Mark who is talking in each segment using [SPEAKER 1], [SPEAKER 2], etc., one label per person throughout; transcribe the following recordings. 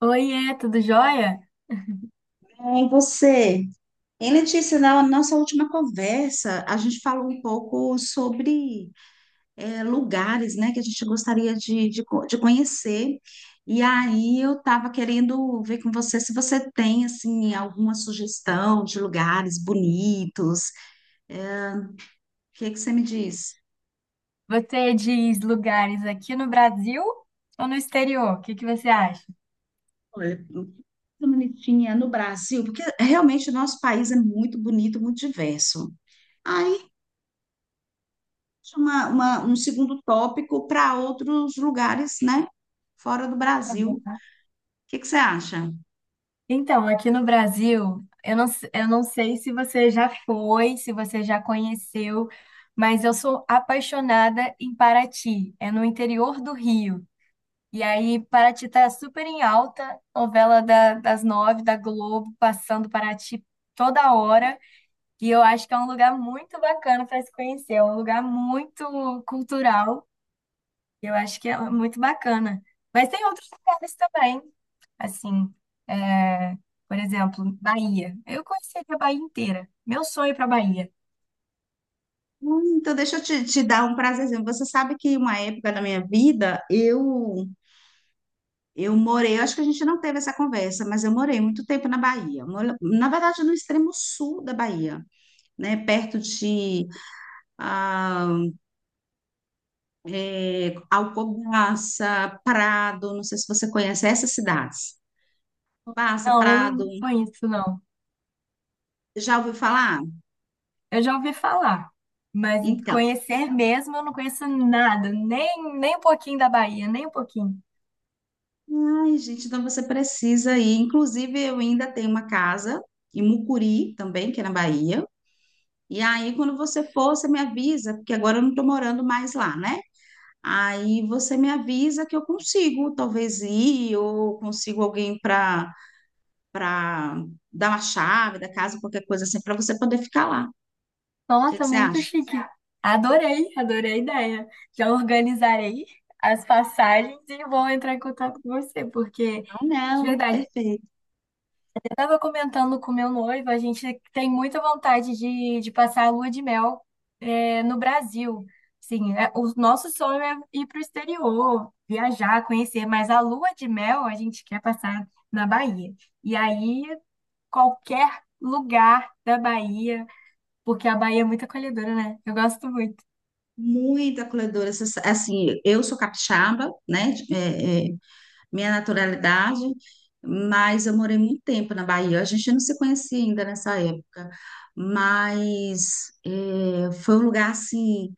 [SPEAKER 1] Oiê, tudo jóia?
[SPEAKER 2] Bem, você. Em Letícia, na nossa última conversa, a gente falou um pouco sobre lugares, né, que a gente gostaria de conhecer. E aí eu estava querendo ver com você se você tem, assim, alguma sugestão de lugares bonitos. Eh, O que que você me diz?
[SPEAKER 1] Você diz lugares aqui no Brasil ou no exterior? O que que você acha?
[SPEAKER 2] Olha, bonitinha no Brasil, porque realmente o nosso país é muito bonito, muito diverso. Um segundo tópico para outros lugares, né? Fora do Brasil. O que que você acha?
[SPEAKER 1] Então, aqui no Brasil, eu não sei se você já foi, se você já conheceu, mas eu sou apaixonada em Paraty, é no interior do Rio. E aí, Paraty tá super em alta, novela das nove da Globo, passando Paraty toda hora. E eu acho que é um lugar muito bacana para se conhecer, é um lugar muito cultural. Eu acho que é muito bacana. Mas tem outros lugares também, assim, é, por exemplo, Bahia. Eu conheceria a Bahia inteira. Meu sonho é para Bahia.
[SPEAKER 2] Hum. Então, deixa eu te dar um prazerzinho. Você sabe que uma época da minha vida, eu morei, eu acho que a gente não teve essa conversa, mas eu morei muito tempo na Bahia. Na verdade, no extremo sul da Bahia, né? Perto de ah, é, Alcobaça, Prado, não sei se você conhece essas cidades. Alcobaça,
[SPEAKER 1] Não, eu não
[SPEAKER 2] Prado,
[SPEAKER 1] conheço, não.
[SPEAKER 2] já ouviu falar?
[SPEAKER 1] Eu já ouvi falar, mas
[SPEAKER 2] Então,
[SPEAKER 1] conhecer mesmo eu não conheço nada, nem, nem um pouquinho da Bahia, nem um pouquinho.
[SPEAKER 2] ai, gente, então você precisa ir. Inclusive, eu ainda tenho uma casa em Mucuri também, que é na Bahia. E aí, quando você for, você me avisa, porque agora eu não estou morando mais lá, né? Aí você me avisa que eu consigo, talvez ir, ou consigo alguém para para dar uma chave da casa, qualquer coisa assim, para você poder ficar lá. O que
[SPEAKER 1] Nossa,
[SPEAKER 2] que você
[SPEAKER 1] muito
[SPEAKER 2] acha?
[SPEAKER 1] chique. Adorei, adorei a ideia. Já organizarei as passagens e vou entrar em contato com você, porque,
[SPEAKER 2] Ah,
[SPEAKER 1] de
[SPEAKER 2] não,
[SPEAKER 1] verdade, eu
[SPEAKER 2] perfeito.
[SPEAKER 1] estava comentando com meu noivo, a gente tem muita vontade de passar a lua de mel, no Brasil. Sim, o nosso sonho é ir para o exterior, viajar, conhecer, mas a lua de mel a gente quer passar na Bahia. E aí, qualquer lugar da Bahia, porque a Bahia é muito acolhedora, né? Eu gosto muito.
[SPEAKER 2] Muito acolhedora. Assim, eu sou capixaba, né? Minha naturalidade, mas eu morei muito tempo na Bahia. A gente não se conhecia ainda nessa época, mas foi um lugar assim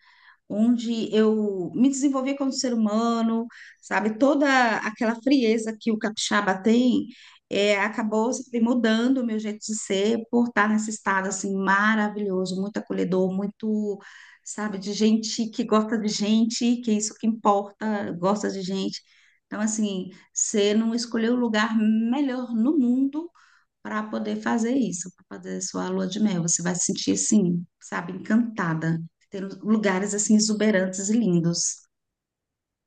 [SPEAKER 2] onde eu me desenvolvi como ser humano, sabe? Toda aquela frieza que o capixaba tem, é, acabou se mudando o meu jeito de ser por estar nesse estado assim maravilhoso, muito acolhedor, muito, sabe, de gente que gosta de gente, que é isso que importa, gosta de gente. Então, assim, você não escolheu o lugar melhor no mundo para poder fazer isso, para fazer sua lua de mel. Você vai se sentir assim, sabe, encantada. Ter lugares assim exuberantes e lindos.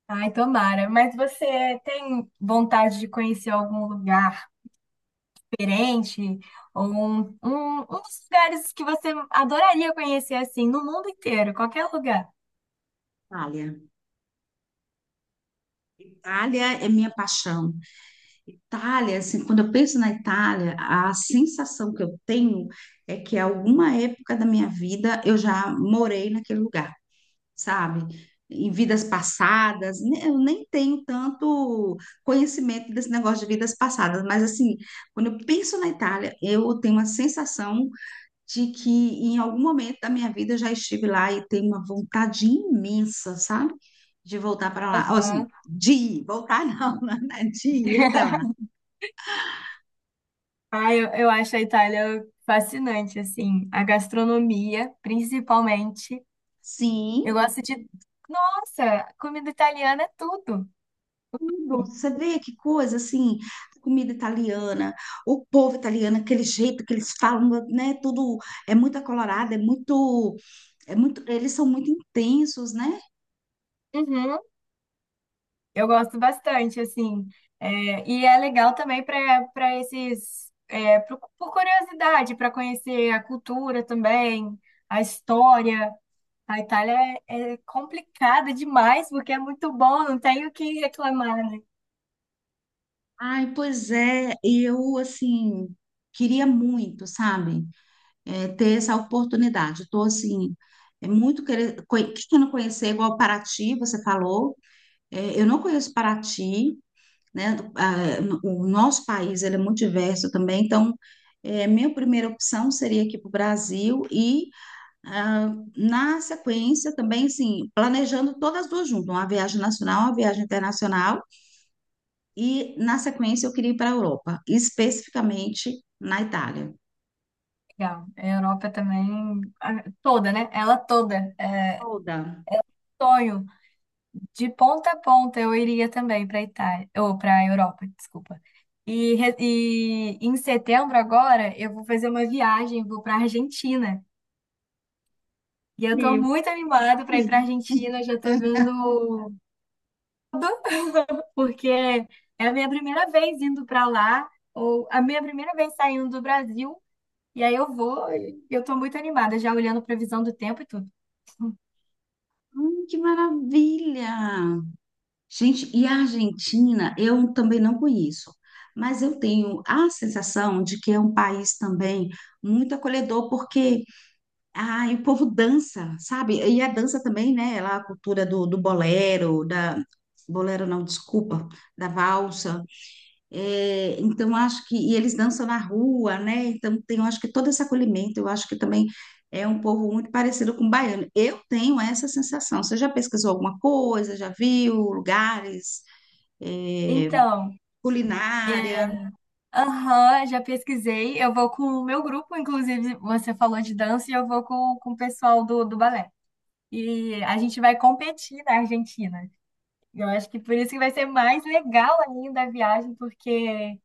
[SPEAKER 1] Ai, tomara. Mas você tem vontade de conhecer algum lugar diferente? Ou um dos lugares que você adoraria conhecer, assim, no mundo inteiro, qualquer lugar?
[SPEAKER 2] Itália. Itália é minha paixão. Itália, assim, quando eu penso na Itália, a sensação que eu tenho é que alguma época da minha vida eu já morei naquele lugar. Sabe? Em vidas passadas, eu nem tenho tanto conhecimento desse negócio de vidas passadas, mas assim, quando eu penso na Itália, eu tenho uma sensação de que em algum momento da minha vida eu já estive lá e tenho uma vontade imensa, sabe? De voltar para lá. Ou, assim,
[SPEAKER 1] Aham.
[SPEAKER 2] de ir, voltar não, né? De ir até lá.
[SPEAKER 1] Ai, eu acho a Itália fascinante, assim. A gastronomia, principalmente. Eu
[SPEAKER 2] Sim,
[SPEAKER 1] gosto de... Nossa, comida italiana é tudo.
[SPEAKER 2] tudo. Você vê que coisa assim, a comida italiana, o povo italiano, aquele jeito que eles falam, né? Tudo é muito acolorado, é muito, eles são muito intensos, né?
[SPEAKER 1] Uhum. Eu gosto bastante, assim. É, e é legal também para esses, por curiosidade, para conhecer a cultura também, a história. A Itália é complicada demais, porque é muito bom, não tenho o que reclamar, né?
[SPEAKER 2] Ai, pois é, eu assim queria muito, sabe, é, ter essa oportunidade. Estou assim, é muito querer, querendo conhecer, igual Paraty, você falou. É, eu não conheço Paraty. Né? O nosso país ele é muito diverso também, então é, minha primeira opção seria aqui para o Brasil e ah, na sequência também assim planejando todas as duas juntas, uma viagem nacional, uma viagem internacional e na sequência eu queria ir para a Europa, especificamente na Itália.
[SPEAKER 1] Legal. A Europa também, toda, né? Ela toda. É
[SPEAKER 2] Toda.
[SPEAKER 1] sonho. De ponta a ponta eu iria também para Itália, ou para Europa, desculpa. E em setembro agora eu vou fazer uma viagem, vou para Argentina. E eu tô
[SPEAKER 2] E
[SPEAKER 1] muito animada para ir para Argentina, já tô vendo tudo, porque é a minha primeira vez indo para lá, ou a minha primeira vez saindo do Brasil, e aí eu vou, e eu tô muito animada, já olhando previsão do tempo e tudo.
[SPEAKER 2] hum, que maravilha! Gente, e a Argentina, eu também não conheço, mas eu tenho a sensação de que é um país também muito acolhedor, porque ai, o povo dança, sabe? E a dança também, né? Lá a cultura do bolero, da. Bolero não, desculpa, da valsa. É, então, acho que. E eles dançam na rua, né? Então, tem, eu acho que todo esse acolhimento, eu acho que também é um povo muito parecido com o baiano. Eu tenho essa sensação. Você já pesquisou alguma coisa? Já viu lugares? É,
[SPEAKER 1] Então,
[SPEAKER 2] culinária.
[SPEAKER 1] é, aham, já pesquisei, eu vou com o meu grupo, inclusive, você falou de dança, e eu vou com o pessoal do balé. E a gente vai competir na Argentina. Eu acho que por isso que vai ser mais legal ainda a viagem, porque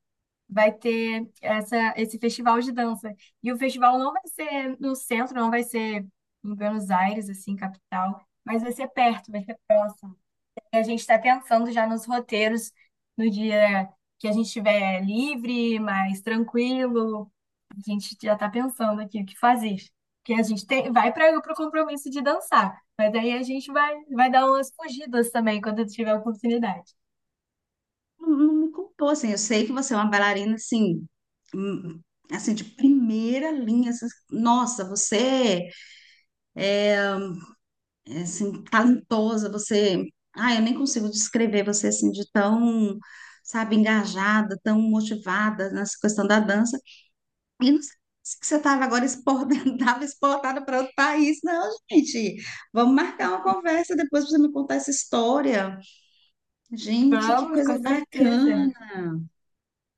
[SPEAKER 1] vai ter essa, esse festival de dança. E o festival não vai ser no centro, não vai ser em Buenos Aires, assim, capital, mas vai ser perto, vai ser próximo. E a gente está pensando já nos roteiros no dia que a gente estiver livre, mais tranquilo. A gente já está pensando aqui o que fazer. Porque a gente tem, vai para o compromisso de dançar, mas aí a gente vai, vai dar umas fugidas também quando tiver oportunidade.
[SPEAKER 2] Não, não me culpou, assim. Eu sei que você é uma bailarina, assim, hum, assim, de primeira linha. Assim, nossa, você é, assim, talentosa, você... Ah, eu nem consigo descrever você, assim, de tão, sabe, engajada, tão motivada nessa questão da dança. E não sei se que você estava agora exportada, estava exportada para outro país. Não, gente, vamos marcar uma conversa depois para você me contar essa história. Gente, que
[SPEAKER 1] Vamos,
[SPEAKER 2] coisa
[SPEAKER 1] com certeza.
[SPEAKER 2] bacana.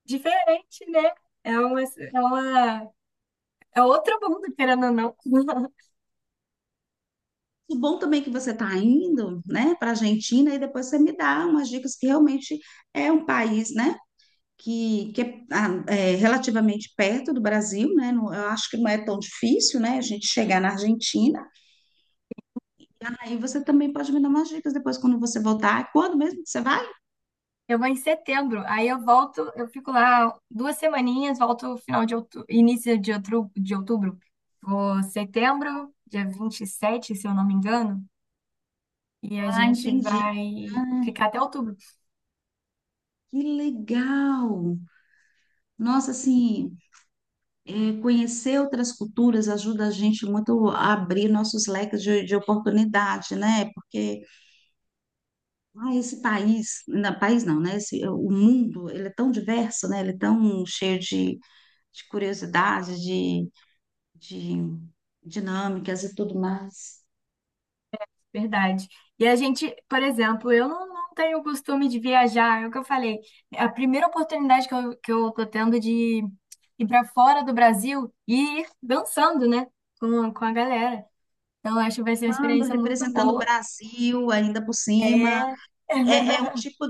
[SPEAKER 1] Diferente, né? É uma, é uma, É outro mundo, querendo ou não.
[SPEAKER 2] O bom também é que você está indo, né, para a Argentina e depois você me dá umas dicas que realmente é um país, né, que é, ah, é relativamente perto do Brasil, né, eu acho que não é tão difícil, né, a gente chegar na Argentina. Aí você também pode me dar umas dicas depois quando você voltar. Quando mesmo que você vai?
[SPEAKER 1] Eu vou em setembro, aí eu volto, eu fico lá duas semaninhas, volto final de outubro, início de outubro, de outubro. Vou setembro, dia 27 se eu não me engano, e a
[SPEAKER 2] Ah,
[SPEAKER 1] gente
[SPEAKER 2] entendi.
[SPEAKER 1] vai ficar até outubro.
[SPEAKER 2] Que legal! Nossa, assim, é, conhecer outras culturas ajuda a gente muito a abrir nossos leques de oportunidade, né? Porque ah, esse país não, né? Esse, é, o mundo, ele é tão diverso, né? Ele é tão cheio de curiosidades, de dinâmicas e tudo mais.
[SPEAKER 1] Verdade. E a gente, por exemplo, eu não, não tenho o costume de viajar, é o que eu falei. A primeira oportunidade que que eu tô tendo de ir para fora do Brasil e ir dançando, né, com a galera. Então, eu acho que vai ser uma
[SPEAKER 2] Ando
[SPEAKER 1] experiência muito
[SPEAKER 2] representando o
[SPEAKER 1] boa.
[SPEAKER 2] Brasil ainda por
[SPEAKER 1] É,
[SPEAKER 2] cima. É, é um tipo...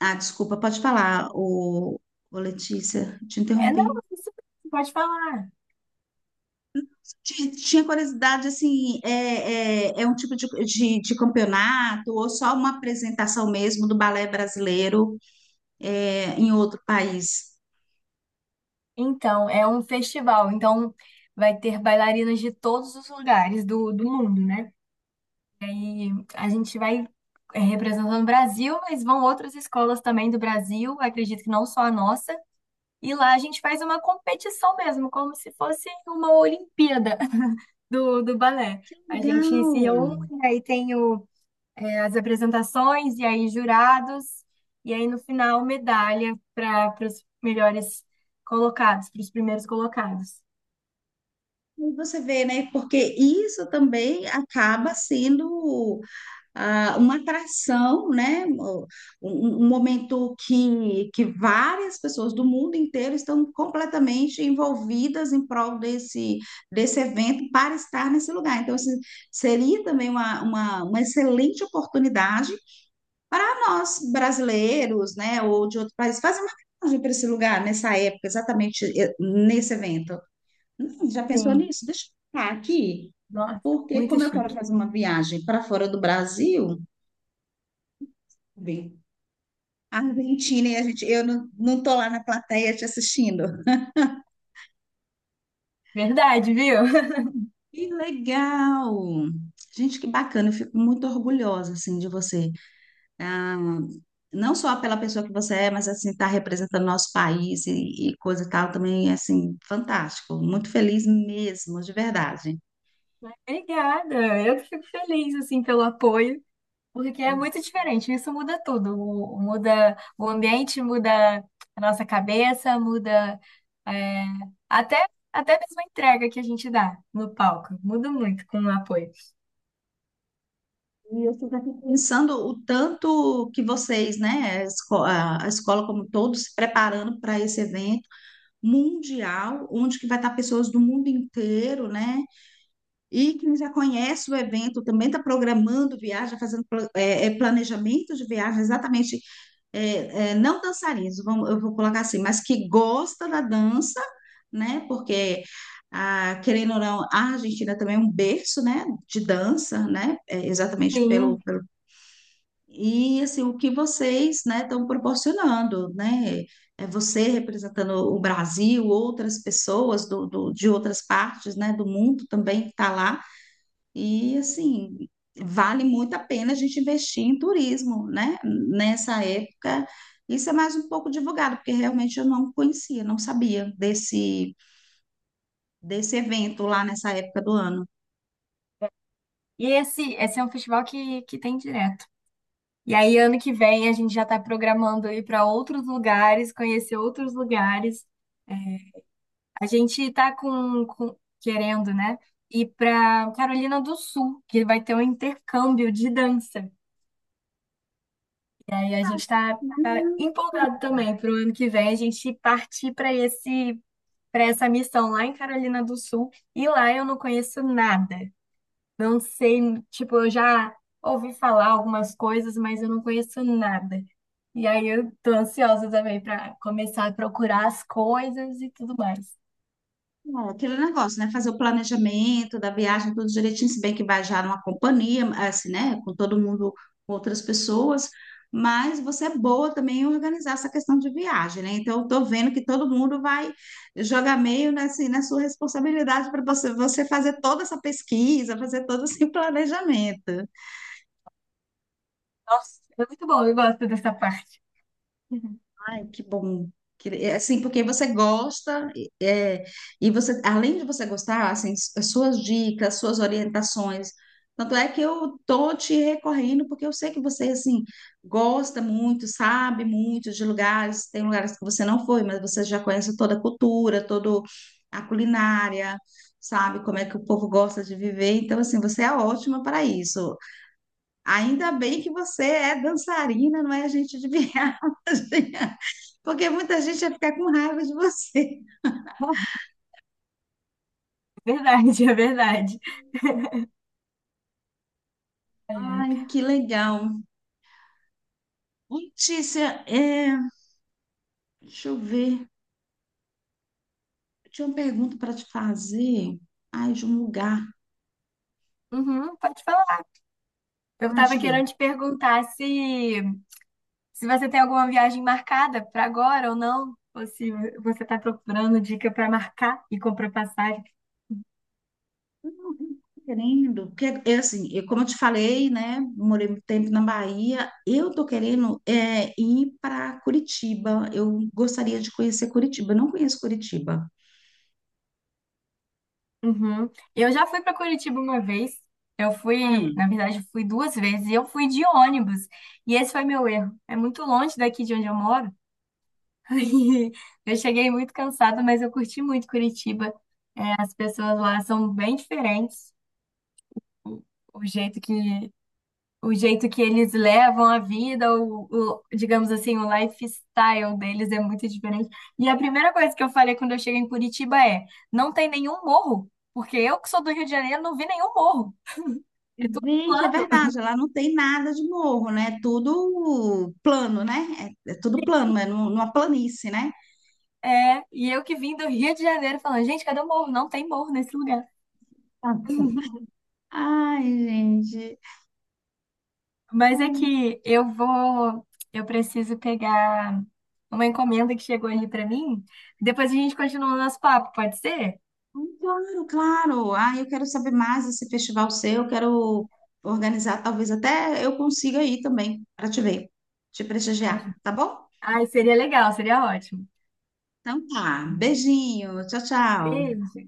[SPEAKER 2] Ah, desculpa, pode falar, o Letícia, te
[SPEAKER 1] é não,
[SPEAKER 2] interrompi.
[SPEAKER 1] é isso, pode falar.
[SPEAKER 2] Tinha curiosidade, assim, é um tipo de campeonato ou só uma apresentação mesmo do balé brasileiro é, em outro país?
[SPEAKER 1] Então, é um festival, então vai ter bailarinas de todos os lugares do mundo, né? E a gente vai representando o Brasil, mas vão outras escolas também do Brasil, acredito que não só a nossa. E lá a gente faz uma competição mesmo, como se fosse uma Olimpíada do balé.
[SPEAKER 2] Que
[SPEAKER 1] A gente se reúne,
[SPEAKER 2] legal!
[SPEAKER 1] aí tem as apresentações, e aí jurados, e aí no final medalha para os melhores colocados, para os primeiros colocados.
[SPEAKER 2] E você vê, né? Porque isso também acaba sendo ah, uma atração, né? Um, um momento que várias pessoas do mundo inteiro estão completamente envolvidas em prol desse, desse evento para estar nesse lugar. Então, assim, seria também uma, uma excelente oportunidade para nós brasileiros, né? Ou de outro país, fazer uma viagem para esse lugar nessa época, exatamente nesse evento. Não, já pensou
[SPEAKER 1] Sim,
[SPEAKER 2] nisso? Deixa eu ficar aqui,
[SPEAKER 1] nossa,
[SPEAKER 2] porque
[SPEAKER 1] muito
[SPEAKER 2] como eu quero
[SPEAKER 1] chique.
[SPEAKER 2] fazer uma viagem para fora do Brasil, bem, a Argentina e a gente, eu não, não tô lá na plateia te assistindo.
[SPEAKER 1] Verdade, viu?
[SPEAKER 2] Que legal! Gente, que bacana, eu fico muito orgulhosa, assim, de você. Ah, não só pela pessoa que você é, mas, assim, tá representando nosso país e coisa e tal, também, assim, fantástico. Muito feliz mesmo, de verdade.
[SPEAKER 1] Obrigada, eu que fico feliz assim pelo apoio. Porque é muito diferente, isso muda tudo. Muda o ambiente, muda a nossa cabeça, é, até, até mesmo a entrega que a gente dá no palco. Muda muito com o apoio.
[SPEAKER 2] E eu fico aqui pensando o tanto que vocês, né, a escola como todos, se preparando para esse evento mundial, onde que vai estar pessoas do mundo inteiro, né? E quem já conhece o evento também está programando viagem, fazendo planejamento de viagem, exatamente não dançarinos, eu vou colocar assim, mas que gosta da dança, né? Porque, ah, querendo ou não, a Argentina também é um berço, né, de dança, né? É, exatamente
[SPEAKER 1] Sim.
[SPEAKER 2] pelo, pelo... E, assim, o que vocês, né, estão proporcionando, né? É você representando o Brasil, outras pessoas de outras partes, né, do mundo também que está lá, e assim, vale muito a pena a gente investir em turismo, né? Nessa época, isso é mais um pouco divulgado, porque realmente eu não conhecia, não sabia desse, desse evento lá nessa época do ano.
[SPEAKER 1] E esse é um festival que tem direto. E aí, ano que vem, a gente já está programando ir para outros lugares, conhecer outros lugares. É, a gente está querendo, né? Ir para Carolina do Sul, que vai ter um intercâmbio de dança, né? E aí a gente está empolgado também para o ano que vem a gente partir para essa missão lá em Carolina do Sul. E lá eu não conheço nada. Não sei, tipo, eu já ouvi falar algumas coisas, mas eu não conheço nada. E aí eu tô ansiosa também para começar a procurar as coisas e tudo mais.
[SPEAKER 2] É, aquele negócio, né? Fazer o planejamento da viagem, tudo direitinho, se bem que vai já numa companhia, assim, né? Com todo mundo, com outras pessoas, mas você é boa também em organizar essa questão de viagem, né? Então, eu tô vendo que todo mundo vai jogar meio nessa, na sua responsabilidade para você, você fazer toda essa pesquisa, fazer todo esse planejamento.
[SPEAKER 1] Nossa, é muito bom, eu gosto dessa parte.
[SPEAKER 2] Ai, que bom. Assim, porque você gosta, e você, além de você gostar, assim, as suas dicas, suas orientações. Tanto é que eu tô te recorrendo, porque eu sei que você, assim, gosta muito, sabe muito de lugares. Tem lugares que você não foi, mas você já conhece toda a cultura, toda a culinária, sabe como é que o povo gosta de viver. Então, assim, você é ótima para isso. Ainda bem que você é dançarina, não é agente de viagem. Porque muita gente ia ficar com raiva de você.
[SPEAKER 1] É verdade, é verdade. Ai, ai.
[SPEAKER 2] Ai, que legal. Ô, Letícia, deixa eu ver. Eu tinha uma pergunta para te fazer. Ai, de um lugar.
[SPEAKER 1] Uhum, pode falar. Eu
[SPEAKER 2] Ai, deixa
[SPEAKER 1] tava
[SPEAKER 2] eu ver.
[SPEAKER 1] querendo te perguntar se Se você tem alguma viagem marcada para agora ou não, ou se você está procurando dica para marcar e comprar passagem.
[SPEAKER 2] Eu não tô querendo, porque é assim, eu, como eu te falei, né? Morei muito tempo na Bahia. Eu tô querendo é, ir para Curitiba. Eu gostaria de conhecer Curitiba. Eu não conheço Curitiba.
[SPEAKER 1] Uhum. Eu já fui para Curitiba uma vez. Eu fui, na verdade, eu fui duas vezes e eu fui de ônibus. E esse foi meu erro. É muito longe daqui de onde eu moro. Eu cheguei muito cansada, mas eu curti muito Curitiba. As pessoas lá são bem diferentes. O, o jeito que, o jeito que eles levam a vida, digamos assim, o lifestyle deles é muito diferente. E a primeira coisa que eu falei quando eu cheguei em Curitiba é: não tem nenhum morro, porque eu que sou do Rio de Janeiro não vi nenhum morro. É tudo
[SPEAKER 2] Gente, é
[SPEAKER 1] plano.
[SPEAKER 2] verdade, lá não tem nada de morro, né? É tudo plano, né? É, é tudo plano, é numa planície, né?
[SPEAKER 1] É, e eu que vim do Rio de Janeiro falando, gente, cadê o morro? Não tem morro nesse lugar.
[SPEAKER 2] Ah, ai, gente.
[SPEAKER 1] Mas é
[SPEAKER 2] Ai,
[SPEAKER 1] que eu vou, eu preciso pegar uma encomenda que chegou ali pra mim. Depois a gente continua o nosso papo, pode ser?
[SPEAKER 2] claro, claro. Ah, eu quero saber mais desse festival seu, eu quero organizar, talvez até eu consiga ir também para te ver, te prestigiar, tá bom?
[SPEAKER 1] Ai, seria legal, seria ótimo.
[SPEAKER 2] Então tá, beijinho, tchau, tchau.
[SPEAKER 1] Beijo.